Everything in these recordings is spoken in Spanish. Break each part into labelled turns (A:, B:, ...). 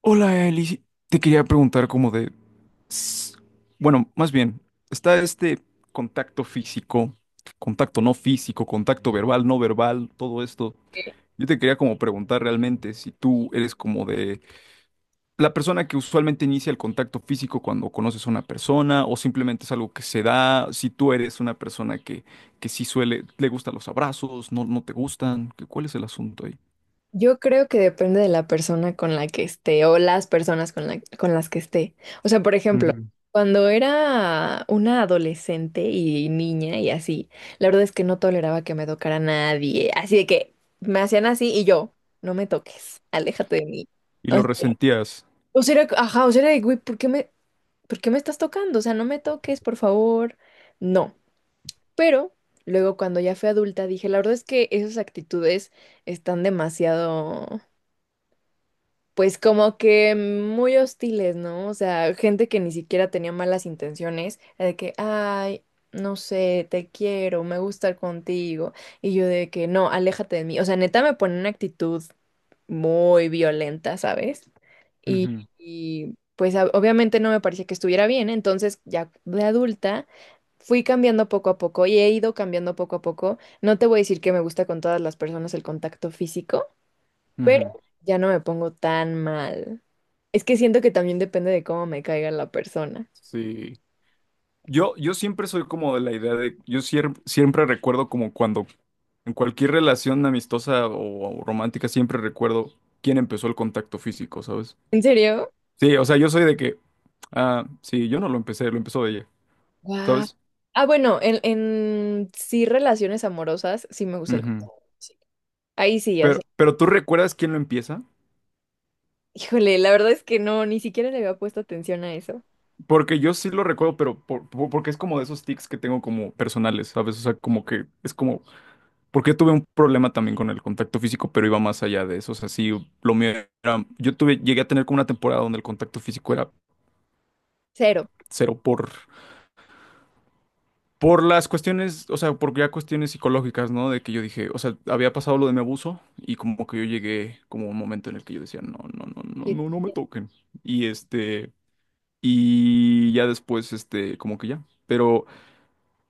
A: Hola, Eli. Te quería preguntar como de... s- Bueno, más bien, está contacto físico, contacto no físico, contacto verbal, no verbal, todo esto. Yo te quería como preguntar realmente si tú eres como de la persona que usualmente inicia el contacto físico cuando conoces a una persona o simplemente es algo que se da, si tú eres una persona que, sí suele, le gustan los abrazos, no, no te gustan, ¿cuál es el asunto ahí?
B: Yo creo que depende de la persona con la que esté o las personas con la- con las que esté. O sea, por ejemplo,
A: Ujú.
B: cuando era una adolescente y niña y así, la verdad es que no toleraba que me tocara nadie. Así de que me hacían así y yo, no me toques, aléjate de mí.
A: Y
B: O
A: lo
B: sea,
A: resentías.
B: o sea, era, ajá, o sea, era de, güey, por qué me estás tocando? O sea, no me toques, por favor. No. Pero luego cuando ya fui adulta dije, la verdad es que esas actitudes están demasiado, pues como que muy hostiles, ¿no? O sea, gente que ni siquiera tenía malas intenciones, de que, ay, no sé, te quiero, me gusta estar contigo, y yo de que, no, aléjate de mí. O sea, neta me pone una actitud muy violenta, ¿sabes? Y, y pues obviamente no me parecía que estuviera bien, entonces ya de adulta fui cambiando poco a poco y he ido cambiando poco a poco. No te voy a decir que me gusta con todas las personas el contacto físico,
A: Ujú, ujú.
B: pero ya no me pongo tan mal. Es que siento que también depende de cómo me caiga la persona.
A: Sí. Yo siempre soy como de la idea de, siempre recuerdo como cuando en cualquier relación amistosa o romántica siempre recuerdo quién empezó el contacto físico, ¿sabes?
B: ¿En serio?
A: Sí, o sea, yo soy de que, ah, sí, yo no lo empecé, lo empezó ella,
B: Guau.
A: ¿sabes?
B: Ah, bueno, en sí relaciones amorosas sí me gusta el
A: Ujú.
B: contacto, sí. Ahí sí, ya sé.
A: Pero ¿tú recuerdas quién lo empieza?
B: Híjole, la verdad es que no, ni siquiera le había puesto atención a eso.
A: Porque yo sí lo recuerdo, pero porque es como de esos tics que tengo como personales, ¿sabes? O sea, como que es como... Porque tuve un problema también con el contacto físico, pero iba más allá de eso. O sea, sí, lo mío era... Yo tuve, llegué a tener como una temporada donde el contacto físico era
B: Cero.
A: cero por las cuestiones, o sea, por ya cuestiones psicológicas, ¿no? De que yo dije, o sea, había pasado lo de mi abuso y como que yo llegué como a un momento en el que yo decía, no, no, no, no,
B: Sí.
A: no, no me toquen. Y este, y ya después, este, como que ya. Pero...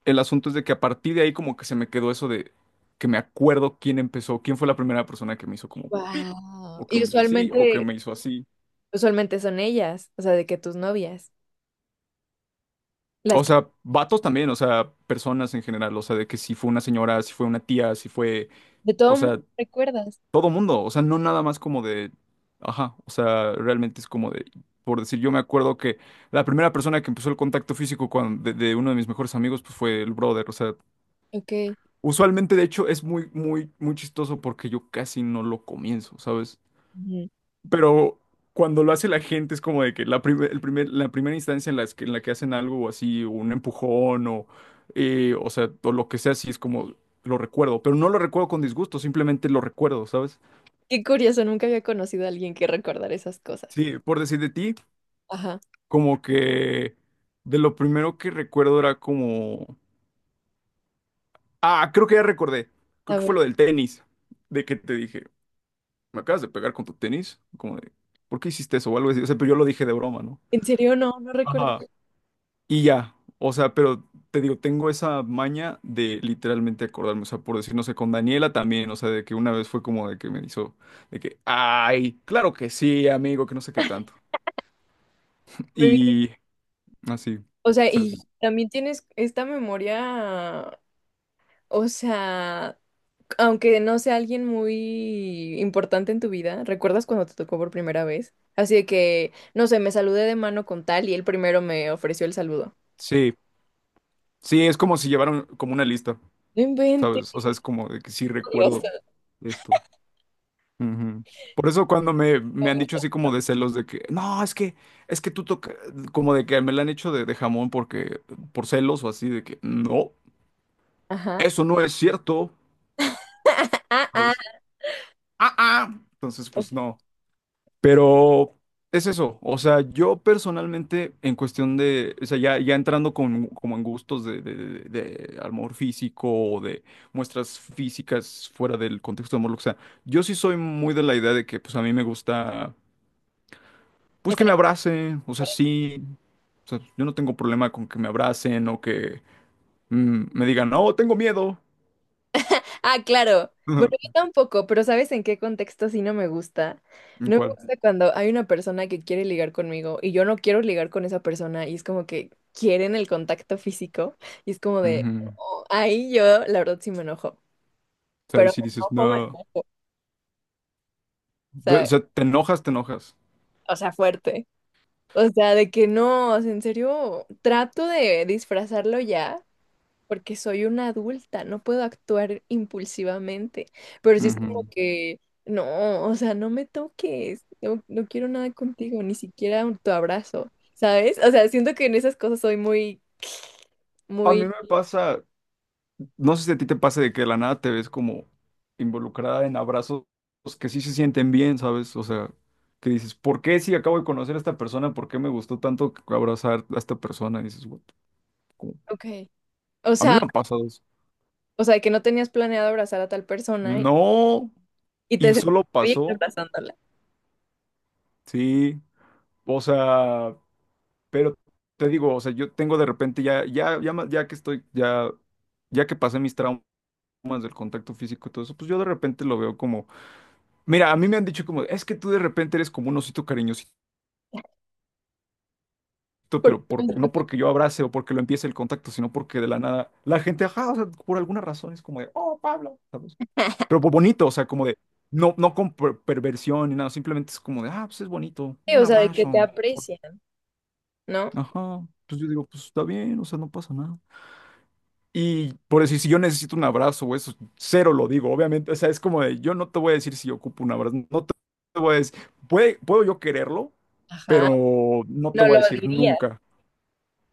A: El asunto es de que a partir de ahí como que se me quedó eso de que me acuerdo quién empezó, quién fue la primera persona que me hizo como pip,
B: Wow.
A: o que
B: Y
A: me hizo así, o que
B: usualmente,
A: me hizo así.
B: usualmente son ellas, o sea, de que tus novias, las
A: O
B: que
A: sea, vatos también, o sea, personas en general, o sea, de que si fue una señora, si fue una tía, si fue,
B: de
A: o
B: todo
A: sea,
B: mundo recuerdas.
A: todo mundo, o sea, no nada más como de, ajá, o sea, realmente es como de, por decir, yo me acuerdo que la primera persona que empezó el contacto físico con, de uno de mis mejores amigos, pues fue el brother, o sea...
B: Ok.
A: Usualmente, de hecho, es muy, muy, muy chistoso porque yo casi no lo comienzo, ¿sabes?
B: Ujú.
A: Pero cuando lo hace la gente es como de que la, la primera instancia en, las que, en la que hacen algo así, un empujón o sea, o lo que sea, sí es como lo recuerdo, pero no lo recuerdo con disgusto, simplemente lo recuerdo, ¿sabes?
B: Qué curioso, nunca había conocido a alguien que recordara esas cosas.
A: Sí, por decir de ti,
B: Ajá.
A: como que de lo primero que recuerdo era como... Ah, creo que ya recordé, creo
B: A
A: que fue
B: ver.
A: lo del tenis, de que te dije... me acabas de pegar con tu tenis, como de, ¿por qué hiciste eso? O algo así, o sea, pero yo lo dije de broma, ¿no?
B: En serio, no, no recuerdo.
A: Ajá. Y ya, o sea, pero te digo, tengo esa maña de literalmente acordarme, o sea, por decir, no sé, con Daniela también, o sea, de que una vez fue como de que me hizo, de que, ay, claro que sí, amigo, que no sé qué tanto. Y así,
B: O sea,
A: o sea,
B: y también tienes esta memoria, o sea, aunque no sea alguien muy importante en tu vida, ¿recuerdas cuando te tocó por primera vez? Así de que, no sé, me saludé de mano con tal y él primero me ofreció el saludo.
A: sí, sí, es como si llevaran como una lista,
B: No inventes.
A: ¿sabes? O sea, es como de que sí recuerdo esto. Ujú. Por eso cuando me han dicho así como de celos de que, no, es que tú tocas como de que me la han hecho de jamón porque, por celos o así, de que, no,
B: Ajá.
A: eso no es cierto,
B: Ah, ah.
A: ¿sabes? Ah, ah. Entonces, pues no. Pero es eso, o sea, yo personalmente en cuestión de, o sea, ya, ya entrando con, como en gustos de, de amor físico o de muestras físicas fuera del contexto de amor, o sea, yo sí soy muy de la idea de que, pues a mí me gusta... Pues que me abracen, o sea, sí. O sea, yo no tengo problema con que me abracen o que me digan, no, tengo miedo.
B: Ah, claro. Bueno, yo
A: ¿En
B: tampoco, pero ¿sabes en qué contexto sí no me gusta? No me
A: cuál?
B: gusta cuando hay una persona que quiere ligar conmigo y yo no quiero ligar con esa persona y es como que quieren el contacto físico y es como de,
A: Ujú.
B: "Oh", ahí yo la verdad sí me enojo,
A: O sea, ahí
B: pero
A: sí dices,
B: me
A: no.
B: enojo,
A: O
B: ¿sabes?
A: sea, te enojas, te enojas.
B: O sea, fuerte. O sea, de que no, o sea, en serio, trato de disfrazarlo ya, porque soy una adulta, no puedo actuar impulsivamente, pero sí es como
A: Ujú.
B: que, no, o sea, no me toques, no, no quiero nada contigo, ni siquiera un- tu abrazo, ¿sabes? O sea, siento que en esas cosas soy muy,
A: A mí
B: muy,
A: me pasa, no sé si a ti te pasa de que de la nada te ves como involucrada en abrazos que sí se sienten bien, ¿sabes? O sea, que dices, ¿por qué si acabo de conocer a esta persona? ¿Por qué me gustó tanto abrazar a esta persona? Y dices, "What the-" como-
B: ok, o
A: a mí
B: sea,
A: me han pasado eso.
B: o sea, que no tenías planeado abrazar a tal persona
A: No.
B: y
A: Y
B: te sentiste
A: solo
B: bien
A: pasó,
B: abrazándola,
A: sí, o sea, pero te digo, o sea, yo tengo de repente ya que estoy, ya, ya que pasé mis traumas del contacto físico y todo eso, pues yo de repente lo veo como, mira, a mí me han dicho como, es que tú de repente eres como un osito cariñosito, pero
B: porque,
A: por, no porque yo abrace o porque lo empiece el contacto, sino porque de la nada, la gente, ajá, o sea, por alguna razón es como de, oh, Pablo, ¿sabes? Pero bonito, o sea, como de, no, no con perversión ni nada, simplemente es como de, ah, pues es bonito,
B: o
A: un
B: sea, de que te
A: abrazo.
B: aprecian, ¿no?
A: Ajá, pues yo digo, pues está bien, o sea, no pasa nada. Y por decir, si yo necesito un abrazo o eso, cero lo digo, obviamente, o sea, es como de, yo no te voy a decir si yo ocupo un abrazo, no te te voy a decir, puede, puedo yo quererlo,
B: Ajá,
A: pero no te
B: no
A: voy a
B: lo
A: decir
B: diría.
A: nunca,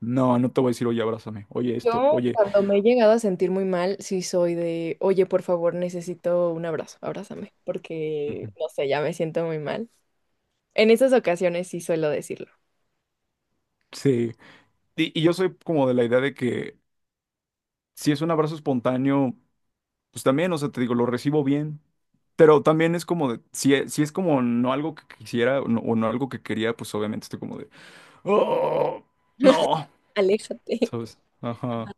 A: no, no te voy a decir, oye, abrázame, oye esto,
B: Yo
A: oye...
B: cuando me he llegado a sentir muy mal, sí soy de, oye, por favor, necesito un abrazo, abrázame, porque,
A: Ujú.
B: no sé, ya me siento muy mal. En esas ocasiones sí suelo decirlo.
A: Sí. Y yo soy como de la idea de que si es un abrazo espontáneo, pues también, o sea, te digo, lo recibo bien. Pero también es como de, si, si es como no algo que quisiera o no algo que quería, pues obviamente estoy como de, oh, no,
B: Aléjate.
A: ¿sabes? Ajá.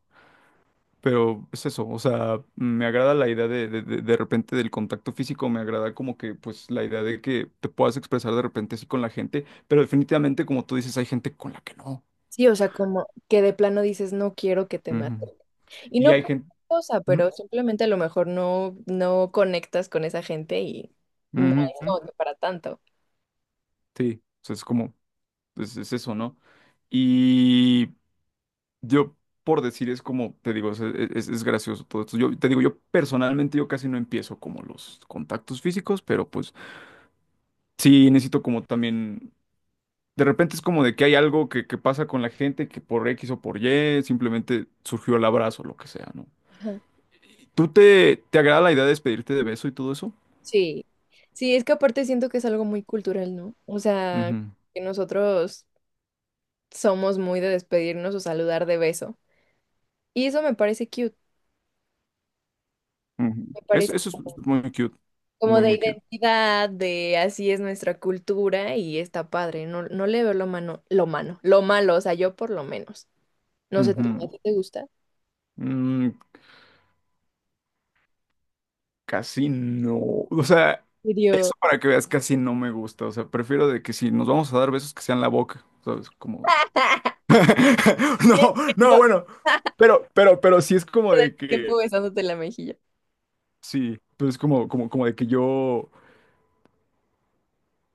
A: Pero es eso, o sea, me agrada la idea de repente del contacto físico, me agrada como que, pues, la idea de que te puedas expresar de repente así con la gente, pero definitivamente, como tú dices, hay gente con la que no.
B: Sí, o sea, como que de plano dices, no quiero que te maten.
A: Ujú.
B: Y
A: Y
B: no
A: hay
B: por
A: gente...
B: otra cosa, pero simplemente a lo mejor no, no conectas con esa gente y no es como que para tanto.
A: Sí, o sea, es como, es- eso, ¿no? Y yo, por decir, es como, te digo, es, es gracioso todo esto. Yo te digo, yo personalmente, yo casi no empiezo como los contactos físicos, pero pues... Sí, necesito como también, de repente es como de que hay algo que pasa con la gente que por X o por Y simplemente surgió el abrazo, lo que sea, ¿no?
B: Ajá.
A: ¿Tú te agrada la idea de despedirte de beso y todo eso?
B: Sí. Sí, es que aparte siento que es algo muy cultural, ¿no? O sea,
A: Ujú,
B: que nosotros somos muy de despedirnos o saludar de beso. Y eso me parece cute,
A: ujú.
B: me parece
A: Eso es muy cute,
B: como
A: muy,
B: de
A: muy cute.
B: identidad, de así es nuestra cultura y está padre. No, no le veo lo malo, o sea, yo por lo menos. No sé, ¿tú,
A: Ujú.
B: a ti te gusta?
A: Mm, casi no, o sea,
B: Video.
A: eso para que veas casi no me gusta, o sea, prefiero de que si nos vamos a dar besos que sean la boca, ¿sabes? Como de... No, no, bueno, pero sí es como de
B: Tiempo
A: que...
B: besándote la mejilla.
A: Sí, pero es como, como, como de que yo...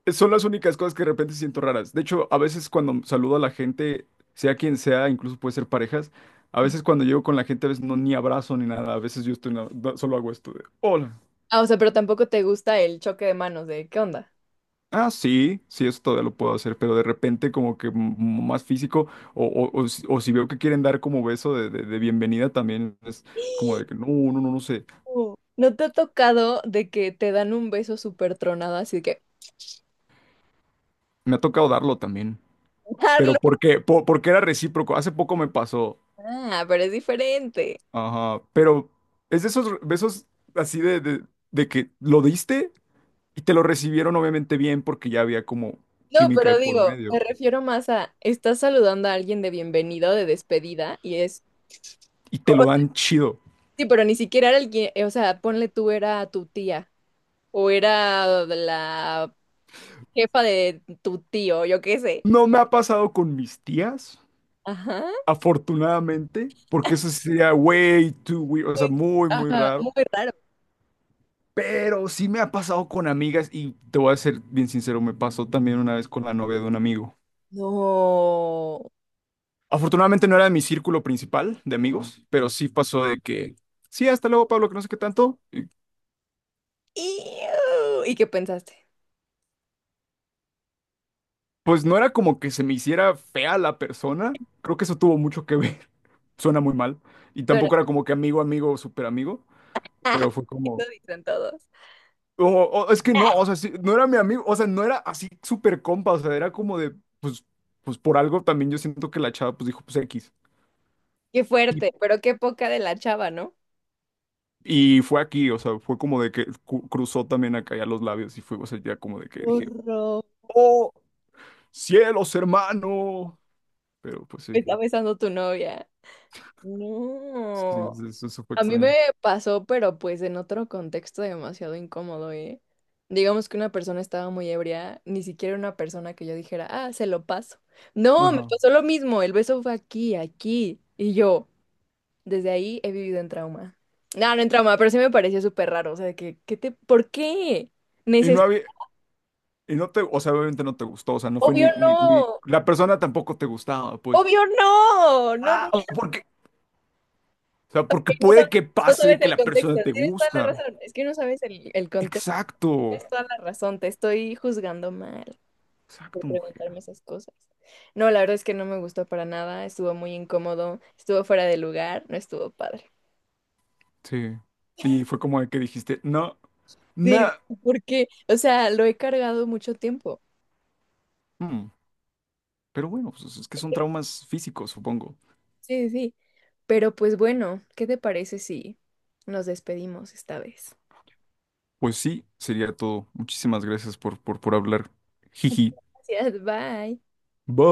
A: Eh, son las únicas cosas que de repente siento raras. De hecho, a veces cuando saludo a la gente, sea quien sea, incluso puede ser parejas, a veces cuando llego con la gente, a veces no ni abrazo ni nada. A veces yo estoy, solo hago esto de, hola.
B: Ah, o sea, pero tampoco te gusta el choque de manos de ¿qué onda?
A: Ah, sí, sí, eso todavía lo puedo hacer, pero de repente como que más físico o, o si veo que quieren dar como beso de, de bienvenida también es como de que no, no, no, no sé.
B: Oh. ¿No te ha tocado de que te dan un beso súper tronado así de que
A: Me ha tocado darlo también. Pero
B: darlo?
A: porque, porque era recíproco. Hace poco me pasó.
B: Ah, pero es diferente.
A: Ajá, pero es de esos besos así de que lo diste y te lo recibieron obviamente bien porque ya había como
B: No,
A: química de
B: pero
A: por
B: digo, me
A: medio
B: refiero más a, estás saludando a alguien de bienvenida o de despedida, y es,
A: y te
B: o
A: lo
B: sea,
A: dan chido.
B: sí, pero ni siquiera era alguien, o sea, ponle tú era tu tía, o era la jefa de tu tío, yo qué sé.
A: No me ha pasado con mis tías,
B: Ajá.
A: afortunadamente, porque eso sí sería way too weird, o sea,
B: Pues,
A: muy, muy
B: ajá,
A: raro.
B: muy raro.
A: Pero sí me ha pasado con amigas y te voy a ser bien sincero, me pasó también una vez con la novia de un amigo.
B: No.
A: Afortunadamente no era de mi círculo principal de amigos, pero sí pasó de que, sí, hasta luego, Pablo, que no sé qué tanto.
B: Iu. ¿Y qué pensaste?
A: Pues no era como que se me hiciera fea la persona. Creo que eso tuvo mucho que ver. Suena muy mal. Y
B: Bueno,
A: tampoco era como que amigo, amigo, súper amigo. Pero fue como...
B: eso dicen todos.
A: o- es que no, o sea, sí, no era mi amigo. O sea, no era así súper compa. O sea, era como de. Pues, pues por algo también yo siento que la chava pues dijo, pues X.
B: Qué
A: Y,
B: fuerte, pero qué poca de la chava, ¿no?
A: y fue aquí, o sea, fue como de que cruzó también acá ya los labios. Y fue, o sea, ya como de que dije,
B: Horror.
A: ¡oh! ¡Cielos, hermano! Pero pues
B: Me
A: sí.
B: está besando tu novia.
A: Sí,
B: No.
A: eso fue
B: A mí
A: extraño.
B: me pasó, pero pues en otro contexto demasiado incómodo, ¿eh? Digamos que una persona estaba muy ebria, ni siquiera una persona que yo dijera, ah, se lo paso. No, me
A: Ajá.
B: pasó lo mismo, el beso fue aquí, aquí, y yo, desde ahí he vivido en trauma. No, no en trauma, pero sí me pareció súper raro, o sea, de que, ¿por qué?
A: Y no
B: Necesito,
A: había, y no te, o sea, obviamente no te gustó, o sea, no fue
B: obvio no,
A: la persona tampoco te gustaba, pues.
B: obvio no, no, no, no,
A: Ah, o porque, o sea, porque
B: sab-
A: puede que
B: no
A: pase
B: sabes
A: que
B: el
A: la
B: contexto,
A: persona te
B: tienes toda la
A: gusta.
B: razón, es que no sabes el contexto,
A: Exacto,
B: tienes toda la razón, te estoy juzgando mal por
A: exacto, mujer.
B: preguntarme esas cosas. No, la verdad es que no me gustó para nada, estuvo muy incómodo, estuvo fuera de lugar, no estuvo padre.
A: Sí. Y fue como de que dijiste, no, no.
B: Sí, porque, o sea, lo he cargado mucho tiempo.
A: Mm, pero bueno, pues es que son traumas físicos, supongo.
B: Sí, sí, sí. Pero pues bueno, ¿qué te parece si nos despedimos esta vez?
A: Pues sí, sería todo. Muchísimas gracias por hablar. Jiji.
B: Gracias, bye.
A: Bye.